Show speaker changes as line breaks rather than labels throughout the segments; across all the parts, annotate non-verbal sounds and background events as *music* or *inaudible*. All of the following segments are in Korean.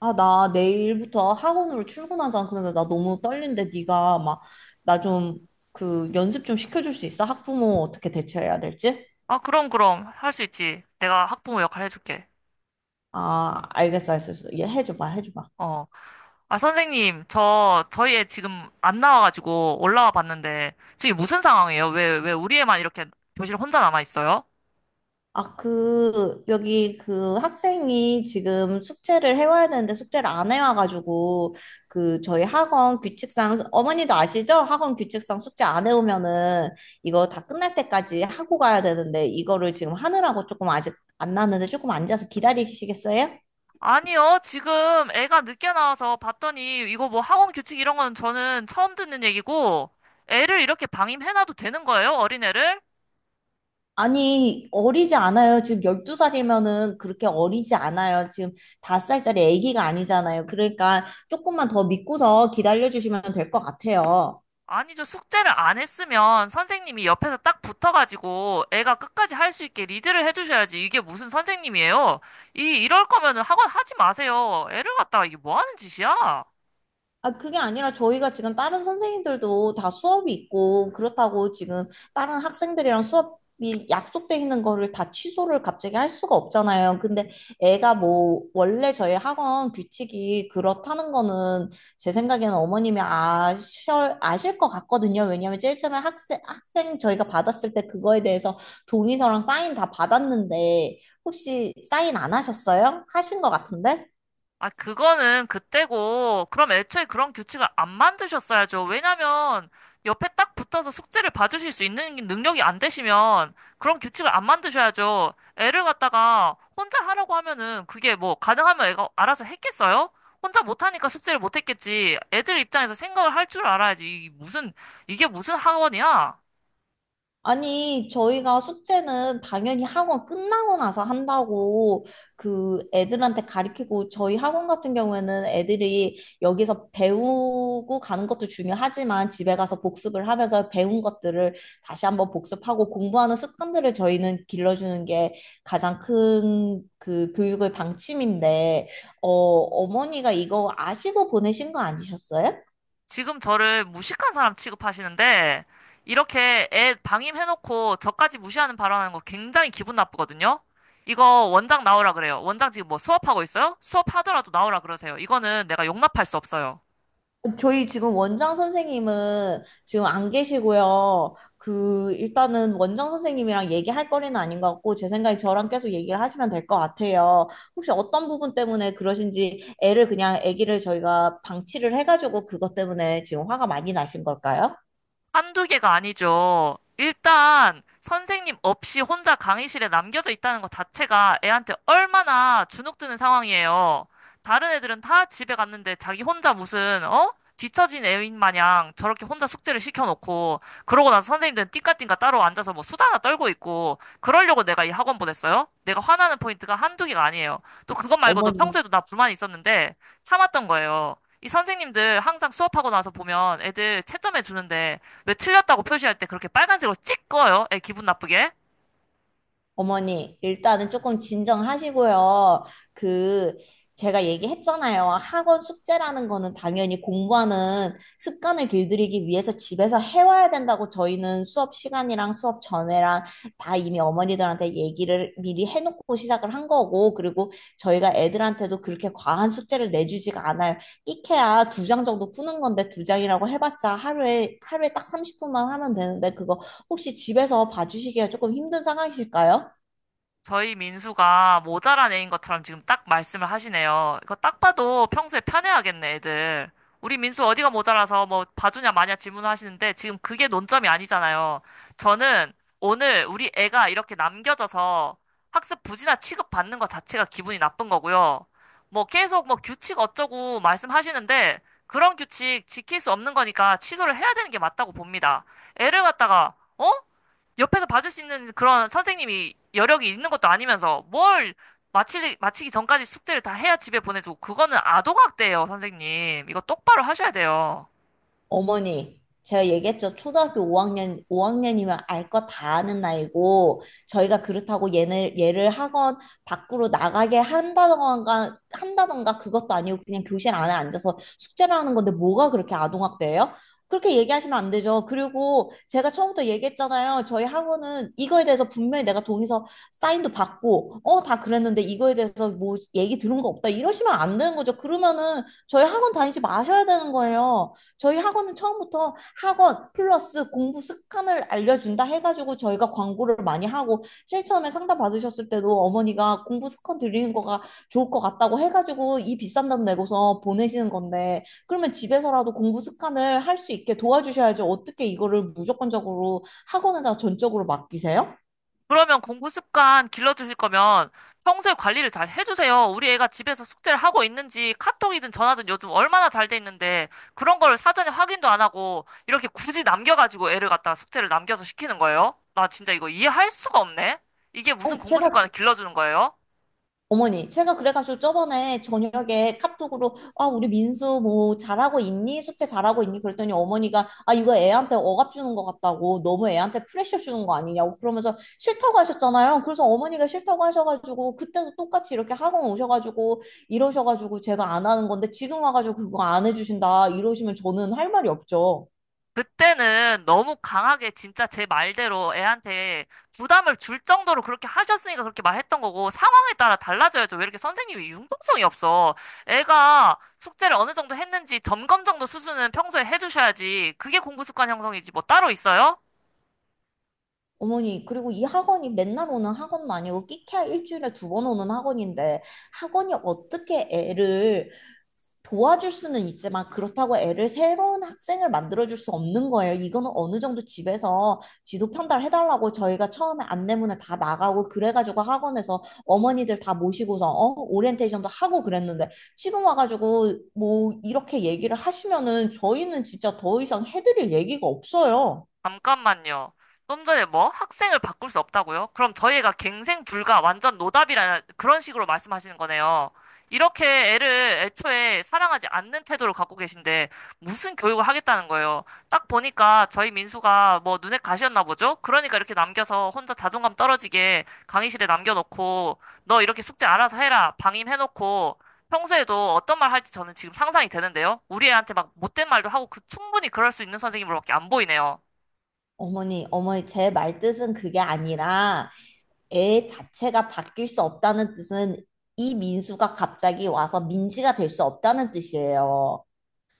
아, 나 내일부터 학원으로 출근하잖아. 근데 나 너무 떨린데 네가 막 나 좀 연습 좀 시켜줄 수 있어? 학부모 어떻게 대처해야 될지?
아, 그럼. 할 수 있지. 내가 학부모 역할 해줄게.
아, 알겠어. 얘 해줘봐.
어. 아, 선생님, 저희 애 지금 안 나와가지고 올라와 봤는데, 지금 무슨 상황이에요? 왜 우리 애만 이렇게 교실 혼자 남아있어요?
아, 그 여기 그 학생이 지금 숙제를 해와야 되는데 숙제를 안 해와가지고 저희 학원 규칙상 어머니도 아시죠? 학원 규칙상 숙제 안 해오면은 이거 다 끝날 때까지 하고 가야 되는데 이거를 지금 하느라고 조금 아직 안 나왔는데 조금 앉아서 기다리시겠어요?
아니요, 지금 애가 늦게 나와서 봤더니, 이거 뭐 학원 규칙 이런 건 저는 처음 듣는 얘기고, 애를 이렇게 방임해놔도 되는 거예요? 어린애를?
아니, 어리지 않아요. 지금 12살이면은 그렇게 어리지 않아요. 지금 5살짜리 아기가 아니잖아요. 그러니까 조금만 더 믿고서 기다려주시면 될 것 같아요.
아니죠. 숙제를 안 했으면 선생님이 옆에서 딱 붙어가지고 애가 끝까지 할 수 있게 리드를 해주셔야지. 이게 무슨 선생님이에요? 이럴 거면은 학원 하지 마세요. 애를 갖다가 이게 뭐 하는 짓이야?
아, 그게 아니라 저희가 지금 다른 선생님들도 다 수업이 있고, 그렇다고 지금 다른 학생들이랑 수업이 약속돼 있는 거를 다 취소를 갑자기 할 수가 없잖아요. 근데 애가 뭐, 원래 저희 학원 규칙이 그렇다는 거는 제 생각에는 아실 것 같거든요. 왜냐면 제일 처음에 학생 저희가 받았을 때 그거에 대해서 동의서랑 사인 다 받았는데, 혹시 사인 안 하셨어요? 하신 것 같은데?
아, 그거는 그때고, 그럼 애초에 그런 규칙을 안 만드셨어야죠. 왜냐면, 옆에 딱 붙어서 숙제를 봐주실 수 있는 능력이 안 되시면, 그런 규칙을 안 만드셔야죠. 애를 갖다가 혼자 하라고 하면은, 그게 뭐, 가능하면 애가 알아서 했겠어요? 혼자 못하니까 숙제를 못했겠지. 애들 입장에서 생각을 할 줄 알아야지. 이게 무슨 학원이야?
아니, 저희가 숙제는 당연히 학원 끝나고 나서 한다고 애들한테 가르치고 저희 학원 같은 경우에는 애들이 여기서 배우고 가는 것도 중요하지만 집에 가서 복습을 하면서 배운 것들을 다시 한번 복습하고 공부하는 습관들을 저희는 길러주는 게 가장 큰 교육의 방침인데, 어머니가 이거 아시고 보내신 거 아니셨어요?
지금 저를 무식한 사람 취급하시는데, 이렇게 애 방임해놓고 저까지 무시하는 발언하는 거 굉장히 기분 나쁘거든요? 이거 원장 나오라 그래요. 원장 지금 뭐 수업하고 있어요? 수업하더라도 나오라 그러세요. 이거는 내가 용납할 수 없어요.
저희 지금 원장 선생님은 지금 안 계시고요. 일단은 원장 선생님이랑 얘기할 거리는 아닌 것 같고, 제 생각에 저랑 계속 얘기를 하시면 될 것 같아요. 혹시 어떤 부분 때문에 그러신지, 아기를 저희가 방치를 해가지고 그것 때문에 지금 화가 많이 나신 걸까요?
한두 개가 아니죠. 일단 선생님 없이 혼자 강의실에 남겨져 있다는 것 자체가 애한테 얼마나 주눅드는 상황이에요. 다른 애들은 다 집에 갔는데 자기 혼자 무슨 어? 뒤처진 애인 마냥 저렇게 혼자 숙제를 시켜놓고 그러고 나서 선생님들은 띵까띵까 따로 앉아서 뭐 수다나 떨고 있고 그러려고 내가 이 학원 보냈어요? 내가 화나는 포인트가 한두 개가 아니에요. 또 그것 말고도
어머니
평소에도 나 불만이 있었는데 참았던 거예요. 이 선생님들 항상 수업하고 나서 보면 애들 채점해 주는데 왜 틀렸다고 표시할 때 그렇게 빨간색으로 찍어요? 애 기분 나쁘게?
어머니, 일단은 조금 진정하시고요. 그, 제가 얘기했잖아요. 학원 숙제라는 거는 당연히 공부하는 습관을 길들이기 위해서 집에서 해와야 된다고 저희는 수업 시간이랑 수업 전에랑 다 이미 어머니들한테 얘기를 미리 해놓고 시작을 한 거고, 그리고 저희가 애들한테도 그렇게 과한 숙제를 내주지가 않아요. 끼케야 두 장 정도 푸는 건데 두 장이라고 해봤자 하루에 딱 30분만 하면 되는데 그거 혹시 집에서 봐주시기가 조금 힘든 상황이실까요?
저희 민수가 모자란 애인 것처럼 지금 딱 말씀을 하시네요. 이거 딱 봐도 평소에 편애하겠네, 애들. 우리 민수 어디가 모자라서 뭐 봐주냐 마냐 질문하시는데 지금 그게 논점이 아니잖아요. 저는 오늘 우리 애가 이렇게 남겨져서 학습 부진아 취급받는 것 자체가 기분이 나쁜 거고요. 뭐 계속 뭐 규칙 어쩌고 말씀하시는데 그런 규칙 지킬 수 없는 거니까 취소를 해야 되는 게 맞다고 봅니다. 애를 갖다가 어? 옆에서 봐줄 수 있는 그런 선생님이 여력이 있는 것도 아니면서 뭘 마치기 전까지 숙제를 다 해야 집에 보내주고 그거는 아동학대예요, 선생님. 이거 똑바로 하셔야 돼요.
어머니, 제가 얘기했죠. 초등학교 5학년이면 알 거 다 아는 나이고, 저희가 그렇다고 얘를 학원 밖으로 나가게 한다던가 그것도 아니고 그냥 교실 안에 앉아서 숙제를 하는 건데 뭐가 그렇게 아동학대예요? 그렇게 얘기하시면 안 되죠. 그리고 제가 처음부터 얘기했잖아요. 저희 학원은 이거에 대해서 분명히 내가 동의서 사인도 받고, 다 그랬는데 이거에 대해서 뭐 얘기 들은 거 없다. 이러시면 안 되는 거죠. 그러면은 저희 학원 다니지 마셔야 되는 거예요. 저희 학원은 처음부터 학원 플러스 공부 습관을 알려준다 해가지고 저희가 광고를 많이 하고 제일 처음에 상담 받으셨을 때도 어머니가 공부 습관 드리는 거가 좋을 것 같다고 해가지고 이 비싼 돈 내고서 보내시는 건데 그러면 집에서라도 공부 습관을 할 수 있게 도와주셔야죠. 어떻게 이거를 무조건적으로 학원에다 전적으로 맡기세요?
그러면 공부 습관 길러주실 거면 평소에 관리를 잘 해주세요. 우리 애가 집에서 숙제를 하고 있는지 카톡이든 전화든 요즘 얼마나 잘 돼 있는데 그런 거를 사전에 확인도 안 하고 이렇게 굳이 남겨가지고 애를 갖다 가 숙제를 남겨서 시키는 거예요? 나 진짜 이거 이해할 수가 없네. 이게 무슨
아니,
공부
제가
습관을 길러주는 거예요?
어머니, 제가 그래가지고 저번에 저녁에 카톡으로, 아, 우리 민수 뭐 잘하고 있니? 숙제 잘하고 있니? 그랬더니 어머니가, 아, 이거 애한테 억압 주는 것 같다고, 너무 애한테 프레셔 주는 거 아니냐고 그러면서 싫다고 하셨잖아요. 그래서 어머니가 싫다고 하셔가지고, 그때도 똑같이 이렇게 학원 오셔가지고, 이러셔가지고 제가 안 하는 건데, 지금 와가지고 그거 안 해주신다, 이러시면 저는 할 말이 없죠.
그때는 너무 강하게 진짜 제 말대로 애한테 부담을 줄 정도로 그렇게 하셨으니까 그렇게 말했던 거고 상황에 따라 달라져야죠. 왜 이렇게 선생님이 융통성이 없어? 애가 숙제를 어느 정도 했는지 점검 정도 수준은 평소에 해주셔야지. 그게 공부 습관 형성이지 뭐 따로 있어요?
어머니, 그리고 이 학원이 맨날 오는 학원은 아니고 끼케야 일주일에 두 번 오는 학원인데 학원이 어떻게 애를 도와줄 수는 있지만 그렇다고 애를 새로운 학생을 만들어줄 수 없는 거예요. 이거는 어느 정도 집에서 지도 편달해달라고 저희가 처음에 안내문에 다 나가고 그래가지고 학원에서 어머니들 다 모시고서 어? 오리엔테이션도 하고 그랬는데 지금 와가지고 뭐 이렇게 얘기를 하시면은 저희는 진짜 더 이상 해드릴 얘기가 없어요.
잠깐만요. 좀 전에 뭐? 학생을 바꿀 수 없다고요? 그럼 저희가 갱생 불가, 완전 노답이라는 그런 식으로 말씀하시는 거네요. 이렇게 애를 애초에 사랑하지 않는 태도를 갖고 계신데 무슨 교육을 하겠다는 거예요? 딱 보니까 저희 민수가 뭐 눈에 가시였나 보죠? 그러니까 이렇게 남겨서 혼자 자존감 떨어지게 강의실에 남겨놓고 너 이렇게 숙제 알아서 해라 방임해놓고 평소에도 어떤 말 할지 저는 지금 상상이 되는데요. 우리 애한테 막 못된 말도 하고 그 충분히 그럴 수 있는 선생님으로밖에 안 보이네요.
어머니, 제 말뜻은 그게 아니라 애 자체가 바뀔 수 없다는 뜻은 이 민수가 갑자기 와서 민지가 될 수 없다는 뜻이에요.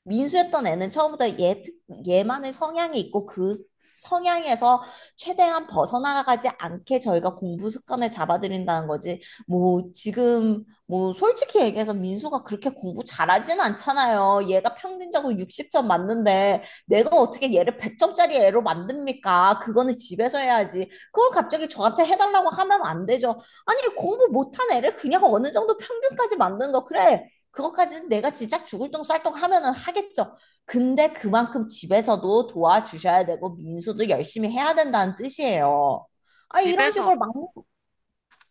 민수했던 애는 처음부터 얘만의 성향이 있고 그 성향에서 최대한 벗어나가지 않게 저희가 공부 습관을 잡아들인다는 거지. 뭐 지금 뭐 솔직히 얘기해서 민수가 그렇게 공부 잘하진 않잖아요. 얘가 평균적으로 60점 맞는데 내가 어떻게 얘를 100점짜리 애로 만듭니까? 그거는 집에서 해야지. 그걸 갑자기 저한테 해달라고 하면 안 되죠. 아니 공부 못한 애를 그냥 어느 정도 평균까지 만든 거 그래. 그것까지는 내가 진짜 죽을 똥 쌀똥 하면은 하겠죠. 근데 그만큼 집에서도 도와주셔야 되고 민수도 열심히 해야 된다는 뜻이에요. 아 이런
집에서,
식으로 막무,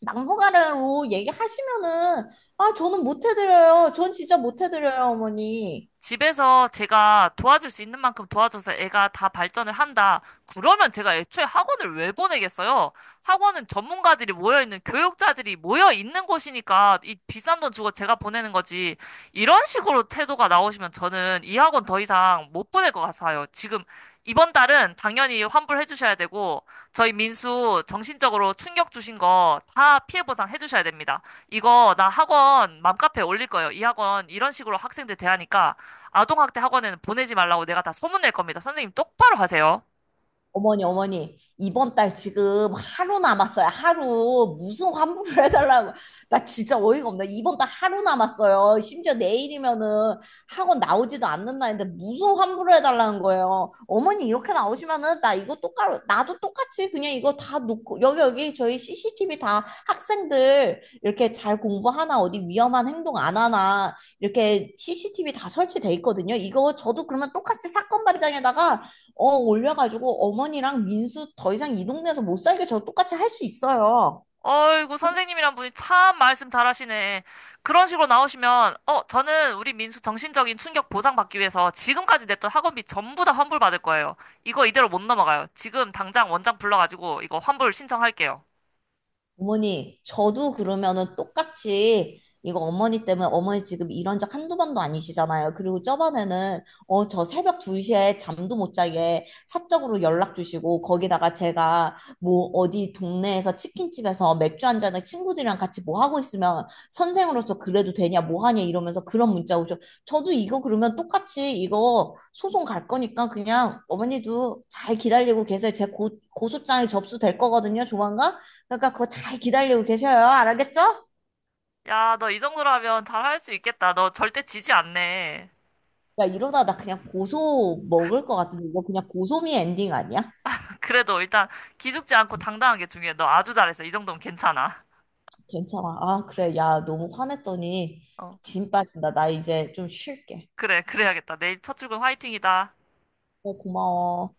막무가내로 얘기하시면은 아 저는 못 해드려요. 전 진짜 못 해드려요, 어머니.
집에서 제가 도와줄 수 있는 만큼 도와줘서 애가 다 발전을 한다. 그러면 제가 애초에 학원을 왜 보내겠어요? 학원은 전문가들이 모여있는 교육자들이 모여있는 곳이니까 이 비싼 돈 주고 제가 보내는 거지. 이런 식으로 태도가 나오시면 저는 이 학원 더 이상 못 보낼 것 같아요. 지금 이번 달은 당연히 환불해 주셔야 되고 저희 민수 정신적으로 충격 주신 거 다 피해 보상 해 주셔야 됩니다. 이거 나 학원 맘카페에 올릴 거예요. 이 학원 이런 식으로 학생들 대하니까 아동학대 학원에는 보내지 말라고 내가 다 소문낼 겁니다. 선생님 똑바로 하세요.
어머니, 이번 달 지금 하루 남았어요. 하루. 무슨 환불을 해달라고. 나 진짜 어이가 없네. 이번 달 하루 남았어요. 심지어 내일이면은 학원 나오지도 않는 날인데 무슨 환불을 해달라는 거예요. 어머니, 이렇게 나오시면은 나도 똑같이 그냥 이거 다 놓고, 여기 저희 CCTV 다 학생들 이렇게 잘 공부하나, 어디 위험한 행동 안 하나, 이렇게 CCTV 다 설치돼 있거든요. 이거 저도 그러면 똑같이 사건 발장에다가 올려가지고 어머니랑 민수 더 이상 이 동네에서 못 살게 저 똑같이 할 수 있어요.
어이구, 선생님이란 분이 참 말씀 잘하시네. 그런 식으로 나오시면, 어, 저는 우리 민수 정신적인 충격 보상받기 위해서 지금까지 냈던 학원비 전부 다 환불받을 거예요. 이거 이대로 못 넘어가요. 지금 당장 원장 불러가지고 이거 환불 신청할게요.
저도 그러면은 똑같이 이거 어머니 지금 이런 적 한두 번도 아니시잖아요. 그리고 저번에는 저 새벽 2시에 잠도 못 자게 사적으로 연락 주시고 거기다가 제가 뭐 어디 동네에서 치킨집에서 맥주 한 잔에 친구들이랑 같이 뭐 하고 있으면 선생으로서 그래도 되냐 뭐 하냐 이러면서 그런 문자 오죠. 저도 이거 그러면 똑같이 이거 소송 갈 거니까 그냥 어머니도 잘 기다리고 계세요. 고소장이 접수될 거거든요. 조만간. 그러니까 그거 잘 기다리고 계셔요. 알겠죠?
야, 너 이 정도라면 잘할 수 있겠다. 너 절대 지지 않네.
야, 이러다 나 그냥 고소 먹을 것 같은데 이거 그냥 고소미 엔딩 아니야?
*laughs* 그래도 일단 기죽지 않고 당당한 게 중요해. 너 아주 잘했어. 이 정도면 괜찮아.
괜찮아. 아, 그래. 야, 너무 화냈더니
어,
진 빠진다. 나 이제 좀 쉴게.
그래, 그래야겠다. 내일 첫 출근 화이팅이다.
네, 고마워.